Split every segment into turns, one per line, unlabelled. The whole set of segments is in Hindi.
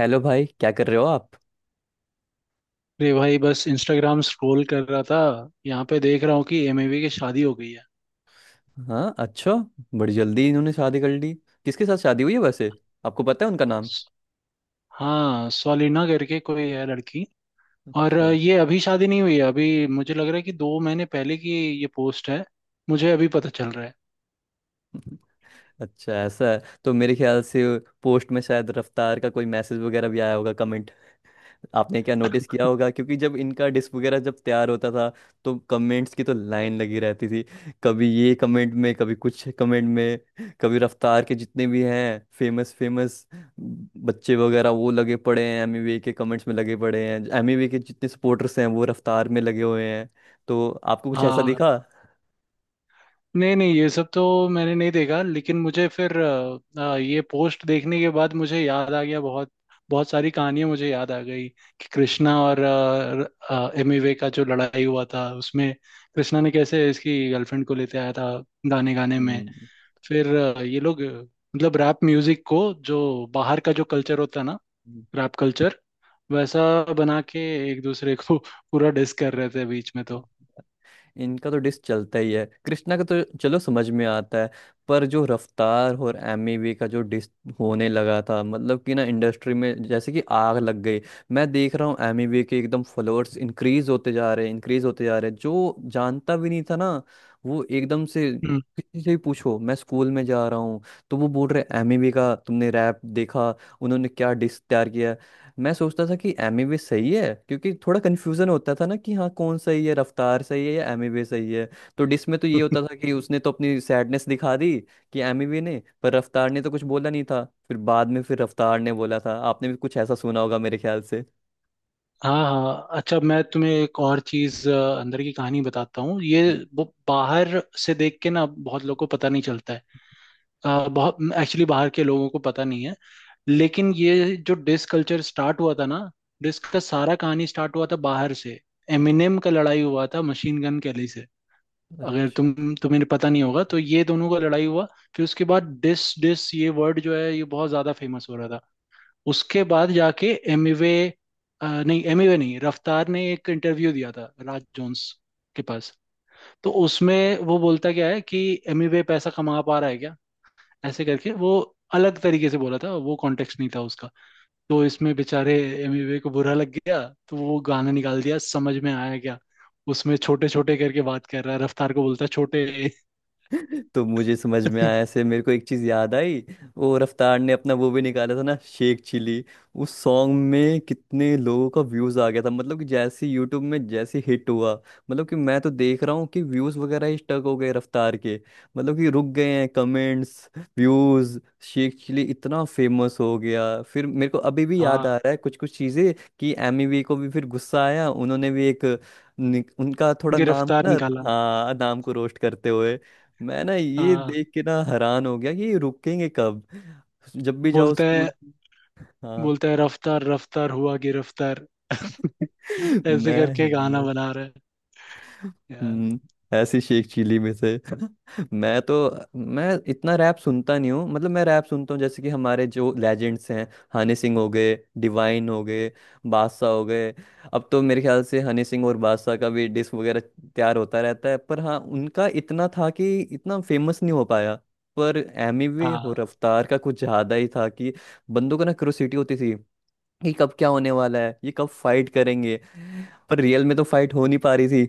हेलो भाई, क्या कर रहे हो आप।
अरे भाई, बस इंस्टाग्राम स्क्रॉल कर रहा था। यहाँ पे देख रहा हूँ कि एमएवी की शादी हो गई है।
हाँ, अच्छा। बड़ी जल्दी इन्होंने शादी कर ली। किसके साथ शादी हुई है वैसे? आपको पता है उनका नाम?
हाँ, सोलिना करके कोई है लड़की। और
अच्छा।
ये अभी शादी नहीं हुई है। अभी मुझे लग रहा है कि 2 महीने पहले की ये पोस्ट है। मुझे अभी पता चल रहा है।
अच्छा, ऐसा है। तो मेरे ख्याल से पोस्ट में शायद रफ्तार का कोई मैसेज वगैरह भी आया होगा, कमेंट। आपने क्या नोटिस किया होगा, क्योंकि जब इनका डिस्क वगैरह जब तैयार होता था तो कमेंट्स की तो लाइन लगी रहती थी। कभी ये कमेंट में, कभी कुछ कमेंट में, कभी रफ्तार के जितने भी हैं फेमस फेमस बच्चे वगैरह वो लगे पड़े हैं एमीवे के कमेंट्स में, लगे पड़े हैं। एमीवे के जितने सपोर्टर्स हैं वो रफ्तार में लगे हुए हैं। तो आपको कुछ ऐसा
हाँ,
दिखा?
नहीं, नहीं, ये सब तो मैंने नहीं देखा, लेकिन मुझे फिर ये पोस्ट देखने के बाद मुझे याद आ गया। बहुत बहुत सारी कहानियां मुझे याद आ गई कि कृष्णा और एमिवे का जो लड़ाई हुआ था, उसमें कृष्णा ने कैसे इसकी गर्लफ्रेंड को लेते आया था गाने गाने में।
हम्म।
फिर ये लोग, मतलब रैप म्यूजिक को, जो बाहर का जो कल्चर होता है ना, रैप कल्चर, वैसा बना के एक दूसरे को पूरा डिस कर रहे थे बीच में तो।
इनका तो डिस चलता ही है, कृष्णा का तो चलो समझ में आता है, पर जो रफ्तार और एमिवे का जो डिस होने लगा था, मतलब कि ना इंडस्ट्री में जैसे कि आग लग गई। मैं देख रहा हूँ एमिवे के एकदम फॉलोअर्स इंक्रीज होते जा रहे हैं, इंक्रीज होते जा रहे हैं। जो जानता भी नहीं था ना वो एकदम से, किसी से भी पूछो, मैं स्कूल में जा रहा हूँ तो वो बोल रहे एमिवे का तुमने रैप देखा, उन्होंने क्या डिस तैयार किया है। मैं सोचता था कि एमिवे सही है, क्योंकि थोड़ा कन्फ्यूजन होता था ना कि हाँ कौन सही है, रफ्तार सही है या एमिवे सही है। तो डिस में तो ये
हम्म।
होता था कि उसने तो अपनी सैडनेस दिखा दी कि एमिवे ने, पर रफ्तार ने तो कुछ बोला नहीं था। फिर बाद में फिर रफ्तार ने बोला था। आपने भी कुछ ऐसा सुना होगा मेरे ख्याल से।
हाँ, हाँ, अच्छा, मैं तुम्हें एक और चीज अंदर की कहानी बताता हूँ ये।
हम्म।
वो बाहर से देख के ना, बहुत लोगों को पता नहीं चलता है। बहुत एक्चुअली बाहर के लोगों को पता नहीं है। लेकिन ये जो डिस कल्चर स्टार्ट हुआ था ना, डिस का सारा कहानी स्टार्ट हुआ था बाहर से। एमिनेम का लड़ाई हुआ था मशीन गन कैली से। अगर
अच्छा।
तुम तुम्हें पता नहीं होगा, तो ये दोनों का लड़ाई हुआ। फिर उसके बाद डिस डिस ये वर्ड जो है, ये बहुत ज्यादा फेमस हो रहा था। उसके बाद जाके एमिवे नहीं एमिवे नहीं, रफ्तार ने एक इंटरव्यू दिया था राज जोन्स के पास। तो उसमें वो बोलता क्या है कि एमिवे पैसा कमा पा रहा है क्या, ऐसे करके। वो अलग तरीके से बोला था, वो कॉन्टेक्स्ट नहीं था उसका। तो इसमें बेचारे एमिवे को बुरा लग गया, तो वो गाना निकाल दिया। समझ में आया क्या? उसमें छोटे छोटे करके बात कर रहा है, रफ्तार को बोलता है छोटे।
तो मुझे समझ में आया, ऐसे मेरे को एक चीज याद आई। वो रफ्तार ने अपना वो भी निकाला था ना, शेख चिली। उस सॉन्ग में कितने लोगों का व्यूज आ गया था, मतलब कि जैसे यूट्यूब में जैसे हिट हुआ। मतलब कि मैं तो देख रहा हूँ कि व्यूज वगैरह ही स्टक हो गए रफ्तार के, मतलब कि रुक गए हैं कमेंट्स, व्यूज। शेख चिली इतना फेमस हो गया। फिर मेरे को अभी भी याद आ
हाँ,
रहा है कुछ कुछ चीजें कि एमी वी को भी फिर गुस्सा आया, उन्होंने भी एक उनका थोड़ा नाम ना।
गिरफ्तार निकाला।
हाँ, नाम को रोस्ट करते हुए। मैं ना ये
हाँ,
देख के ना हैरान हो गया कि ये रुकेंगे कब। जब भी जाओ
बोलता है
स्कूल। हाँ।
बोलता है रफ्तार रफ्तार हुआ गिरफ्तार। ऐसे
मैं।
करके गाना बना रहे हैं यार।
हम्म। ऐसी शेख चिली में से मैं तो, मैं इतना रैप सुनता नहीं हूँ। मतलब मैं रैप सुनता हूँ, जैसे कि हमारे जो लेजेंड्स हैं, हनी सिंह हो गए, डिवाइन हो गए, बादशाह हो गए। अब तो मेरे ख्याल से हनी सिंह और बादशाह का भी डिस्क वगैरह तैयार होता रहता है, पर हाँ उनका इतना था कि इतना फेमस नहीं हो पाया। पर एमी वे और
हाँ,
रफ्तार का कुछ ज्यादा ही था कि बंदों को ना क्यूरियोसिटी होती थी कि कब क्या होने वाला है, ये कब फाइट करेंगे। पर रियल में तो फाइट हो नहीं पा रही,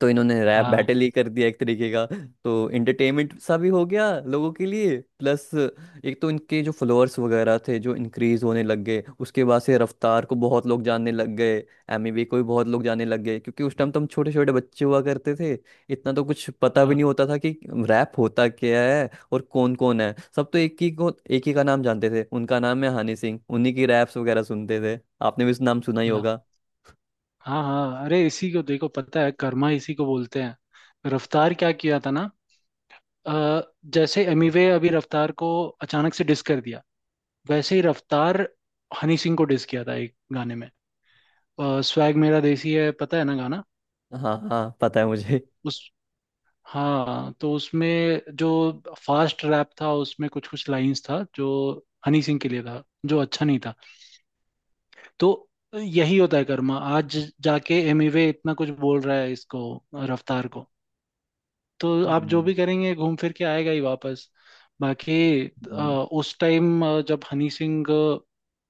तो इन्होंने रैप
हाँ,
बैटल ही कर दिया एक तरीके का। तो एंटरटेनमेंट सा भी हो गया लोगों के लिए, प्लस एक तो इनके जो फॉलोअर्स वगैरह थे जो इंक्रीज होने लग गए। उसके बाद से रफ्तार को बहुत लोग जानने लग गए, एमी वे को भी बहुत लोग जानने लग गए। क्योंकि उस टाइम तो हम छोटे छोटे बच्चे हुआ करते थे, इतना तो कुछ पता भी
हाँ,
नहीं होता था कि रैप होता क्या है और कौन कौन है। सब तो एक ही को, एक ही का नाम जानते थे, उनका नाम है हनी सिंह। उन्हीं की रैप्स वगैरह सुनते थे। आपने भी उस नाम सुना ही
हाँ,
होगा।
हाँ, हाँ, अरे इसी को देखो, पता है कर्मा इसी को बोलते हैं। रफ्तार क्या किया था ना, अ, जैसे एमिवे अभी रफ्तार को अचानक से डिस कर दिया, वैसे ही रफ्तार हनी सिंह को डिस किया था एक गाने में। स्वैग मेरा देसी है, पता है ना गाना
हाँ हाँ, पता है मुझे।
उस। हाँ, तो उसमें जो फास्ट रैप था, उसमें कुछ कुछ लाइंस था जो हनी सिंह के लिए था, जो अच्छा नहीं था। तो यही होता है कर्मा। आज जाके एमिवे इतना कुछ बोल रहा है इसको, रफ्तार को, तो आप जो
हम्म,
भी करेंगे, घूम फिर के आएगा ही वापस। बाकी
हम्म,
उस टाइम जब हनी सिंह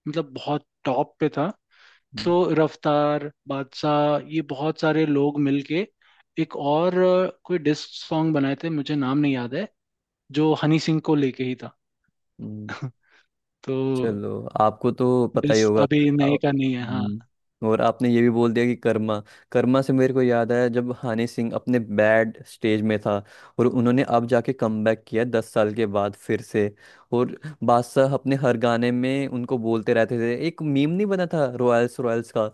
मतलब बहुत टॉप पे था,
हम्म।
तो रफ्तार, बादशाह, ये बहुत सारे लोग मिलके एक और कोई डिस्क सॉन्ग बनाए थे, मुझे नाम नहीं याद है, जो हनी सिंह को लेके ही था।
हम्म,
तो
चलो आपको तो पता ही
डिस्क
होगा।
अभी
आ-
नए का नहीं है, हाँ।
हम्म। और आपने ये भी बोल दिया कि कर्मा। कर्मा से मेरे को याद आया, जब हनी सिंह अपने बैड स्टेज में था और उन्होंने अब जाके कमबैक किया 10 साल के बाद फिर से। और बादशाह अपने हर गाने में उनको बोलते रहते थे। एक मीम नहीं बना था रॉयल्स रॉयल्स का,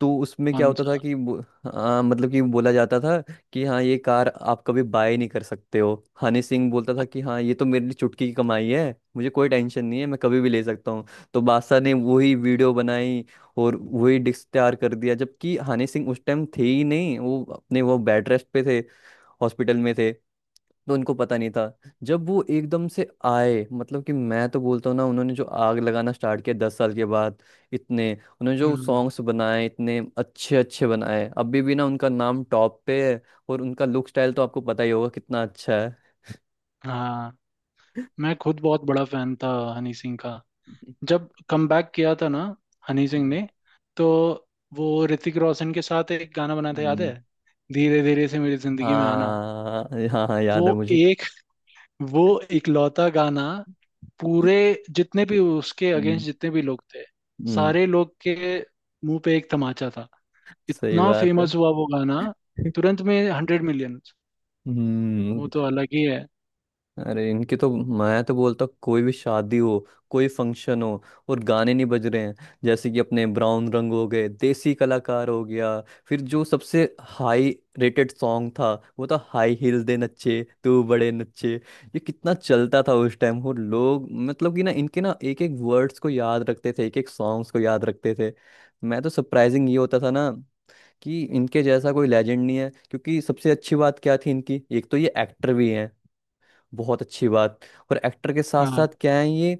तो उसमें क्या
कौन
होता था
सा?
कि हाँ, मतलब कि बोला जाता था कि हाँ ये कार आप कभी बाय नहीं कर सकते हो। हनी सिंह बोलता था कि हाँ ये तो मेरे लिए चुटकी की कमाई है, मुझे कोई टेंशन नहीं है, मैं कभी भी ले सकता हूँ। तो बादशाह ने वही वीडियो बनाई और वही डिस्क तैयार कर दिया, जबकि हनी सिंह उस टाइम थे ही नहीं, वो अपने वो बेड रेस्ट पे थे, हॉस्पिटल में थे, तो उनको पता नहीं था। जब वो एकदम से आए, मतलब कि मैं तो बोलता हूँ ना, उन्होंने जो आग लगाना स्टार्ट किया 10 साल के बाद, इतने उन्होंने जो
हम्म।
सॉन्ग्स बनाए, इतने अच्छे अच्छे बनाए, अभी भी ना उनका नाम टॉप पे है। और उनका लुक स्टाइल तो आपको पता ही होगा कितना अच्छा है।
हाँ, मैं खुद बहुत बड़ा फैन था हनी सिंह का। जब कमबैक किया था ना हनी सिंह
हम्म,
ने, तो वो ऋतिक रोशन के साथ एक गाना बना था, याद
हम्म,
है? धीरे धीरे से मेरी जिंदगी में आना।
हाँ हाँ हाँ,
वो
याद है मुझे।
एक वो इकलौता गाना, पूरे जितने भी उसके
हम्म,
अगेंस्ट जितने भी लोग थे,
हम्म,
सारे लोग के मुंह पे एक तमाचा था।
सही
इतना
बात है।
फेमस हुआ वो गाना, तुरंत में 100 मिलियन। वो
हम्म।
तो अलग ही है।
अरे इनकी तो, मैं तो बोलता हूँ, कोई भी शादी हो, कोई फंक्शन हो और गाने नहीं बज रहे हैं, जैसे कि अपने ब्राउन रंग हो गए, देसी कलाकार हो गया। फिर जो सबसे हाई रेटेड सॉन्ग था, वो था हाई हील दे नच्चे तू बड़े नच्चे। ये कितना चलता था उस टाइम, और लोग मतलब कि ना इनके ना एक एक वर्ड्स को याद रखते थे, एक एक सॉन्ग्स को याद रखते थे। मैं तो सरप्राइजिंग ये होता था ना कि इनके जैसा कोई लेजेंड नहीं है। क्योंकि सबसे अच्छी बात क्या थी इनकी, एक तो ये एक्टर भी हैं, बहुत अच्छी बात, और एक्टर के साथ साथ
हाँ।
क्या है ये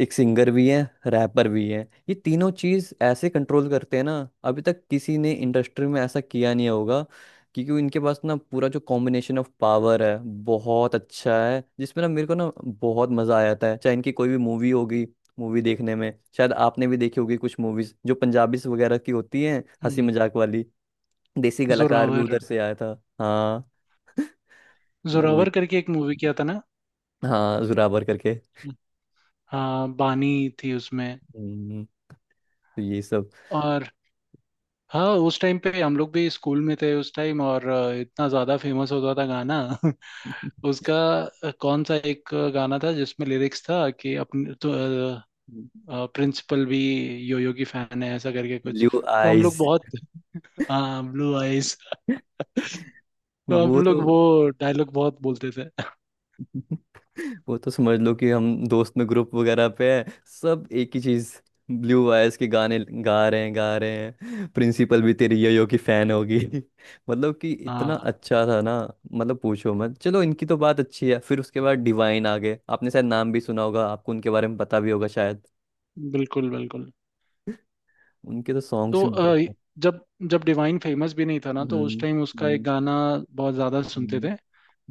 एक सिंगर भी है, रैपर भी है। ये तीनों चीज ऐसे कंट्रोल करते हैं ना, अभी तक किसी ने इंडस्ट्री में ऐसा किया नहीं होगा। क्योंकि इनके पास ना पूरा जो कॉम्बिनेशन ऑफ पावर है बहुत अच्छा है, जिसमें ना मेरे को ना बहुत मजा आ जाता है चाहे इनकी कोई भी मूवी होगी, मूवी देखने में। शायद आपने भी देखी होगी कुछ मूवीज जो पंजाबी वगैरह की होती हैं, हंसी
हम्म,
मजाक वाली। देसी कलाकार भी
जोरावर।
उधर से आया था। हाँ, तो वो-
जोरावर करके एक मूवी किया था ना।
हाँ, जोरावर
हाँ, बानी थी उसमें।
करके। तो ये सब।
और हाँ, उस टाइम पे हम लोग भी स्कूल में थे उस टाइम, और इतना ज्यादा फेमस होता था गाना। उसका कौन सा एक गाना था जिसमें लिरिक्स था कि अपने तो प्रिंसिपल भी योयो की फैन है, ऐसा करके कुछ।
ब्लू
तो हम लोग
आइज।
बहुत। हाँ, ब्लू आइज। तो
वो
हम
तो।
लोग वो डायलॉग बहुत बोलते थे।
वो तो समझ लो कि हम दोस्त में ग्रुप वगैरह पे हैं सब एक ही चीज, ब्लू आइज के गाने गा रहे हैं, गा रहे हैं प्रिंसिपल भी तेरी यो की फैन होगी। मतलब कि इतना
हाँ,
अच्छा था ना, मतलब पूछो मत। चलो इनकी तो बात अच्छी है। फिर उसके बाद डिवाइन आ गए, आपने शायद नाम भी सुना होगा, आपको उनके बारे में पता भी होगा शायद।
बिल्कुल, बिल्कुल।
उनके तो सॉन्ग्स
तो
भी बहुत।
जब जब डिवाइन फेमस भी नहीं था ना, तो उस
हम्म,
टाइम उसका एक
हम्म,
गाना बहुत ज्यादा सुनते थे।
हम्म,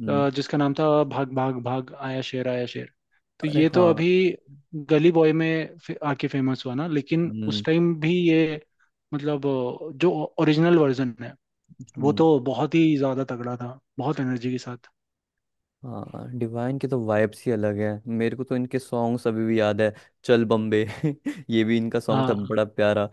हम्म।
जिसका नाम था, भाग भाग भाग आया शेर आया शेर। तो
अरे
ये तो
हाँ।
अभी गली बॉय में आके फेमस हुआ ना, लेकिन उस
हम्म,
टाइम भी ये मतलब जो ओरिजिनल वर्जन है, वो
हम्म।
तो बहुत ही ज्यादा तगड़ा था, बहुत एनर्जी के साथ।
हाँ, डिवाइन के तो वाइब्स ही अलग है, मेरे को तो इनके सॉन्ग्स अभी भी याद है। चल बम्बे। ये भी इनका सॉन्ग था,
हाँ,
बड़ा प्यारा।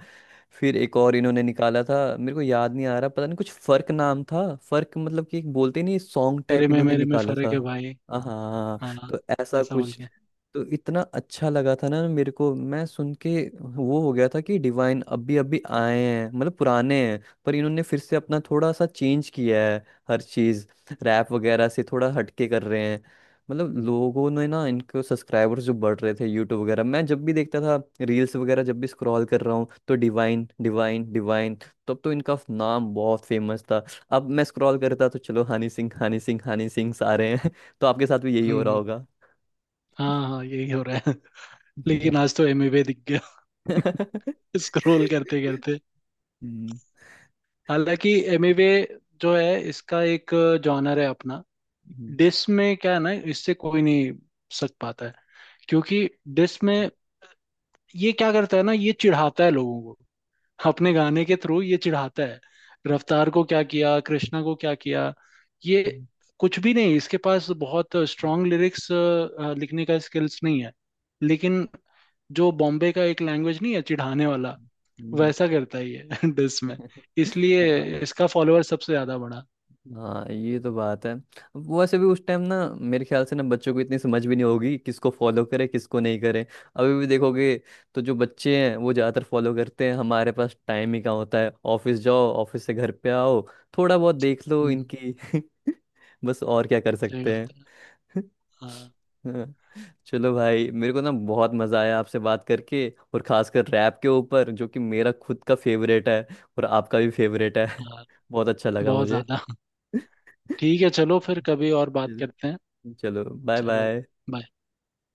फिर एक और इन्होंने निकाला था, मेरे को याद नहीं आ रहा, पता नहीं कुछ फर्क नाम था, फर्क, मतलब कि एक बोलते नहीं सॉन्ग
तेरे
टाइप
में
इन्होंने
मेरे में
निकाला
फर्क
था।
है भाई।
हाँ,
हाँ,
तो ऐसा
ऐसा बोल
कुछ,
के।
तो इतना अच्छा लगा था ना मेरे को मैं सुन के। वो हो गया था कि डिवाइन अभी अभी आए हैं, मतलब पुराने हैं पर इन्होंने फिर से अपना थोड़ा सा चेंज किया है हर चीज, रैप वगैरह से थोड़ा हटके कर रहे हैं। मतलब लोगों ने ना इनके सब्सक्राइबर्स जो बढ़ रहे थे, यूट्यूब वगैरह मैं जब भी देखता था, रील्स वगैरह जब भी स्क्रॉल कर रहा हूँ, तो डिवाइन डिवाइन डिवाइन। तब तो इनका नाम बहुत फेमस था। अब मैं स्क्रॉल करता तो चलो हनी सिंह हनी सिंह हनी सिंह सारे हैं। तो आपके साथ भी यही हो रहा
हम्म।
होगा।
हाँ, हाँ, यही हो रहा है। लेकिन आज तो एमिवे दिख गया। स्क्रॉल करते करते।
हम्म,
हालांकि एमिवे जो है, इसका एक जॉनर है अपना।
हम्म,
डिस में क्या है ना, इससे कोई नहीं सक पाता है, क्योंकि डिस में ये क्या करता है ना, ये चिढ़ाता है लोगों को। अपने गाने के थ्रू ये चिढ़ाता है। रफ्तार को क्या किया, कृष्णा को क्या किया? ये
हम्म,
कुछ भी नहीं, इसके पास बहुत स्ट्रांग लिरिक्स लिखने का स्किल्स नहीं है। लेकिन जो बॉम्बे का एक लैंग्वेज नहीं है चिढ़ाने वाला,
हम्म,
वैसा करता ही है डिस में।
हम्म।
इसलिए
हाँ
इसका फॉलोअर सबसे ज्यादा बढ़ा।
हाँ, ये तो बात है। वैसे भी उस टाइम ना मेरे ख्याल से ना बच्चों को इतनी समझ भी नहीं होगी किसको फॉलो करे किसको नहीं करे। अभी भी देखोगे तो जो बच्चे हैं वो ज़्यादातर फॉलो करते हैं। हमारे पास टाइम ही कहाँ होता है, ऑफिस जाओ, ऑफिस से घर पे आओ, थोड़ा बहुत देख लो
हम्म,
इनकी। बस और क्या कर
सही
सकते
बात है।
हैं।
हाँ,
हाँ, चलो भाई, मेरे को ना बहुत मजा आया आपसे बात करके, और खासकर रैप के ऊपर जो कि मेरा खुद का फेवरेट है और आपका भी फेवरेट है।
हाँ,
बहुत अच्छा लगा
बहुत
मुझे।
ज्यादा। ठीक है, चलो फिर कभी और बात करते हैं।
चलो, बाय
चलो
बाय।
bye।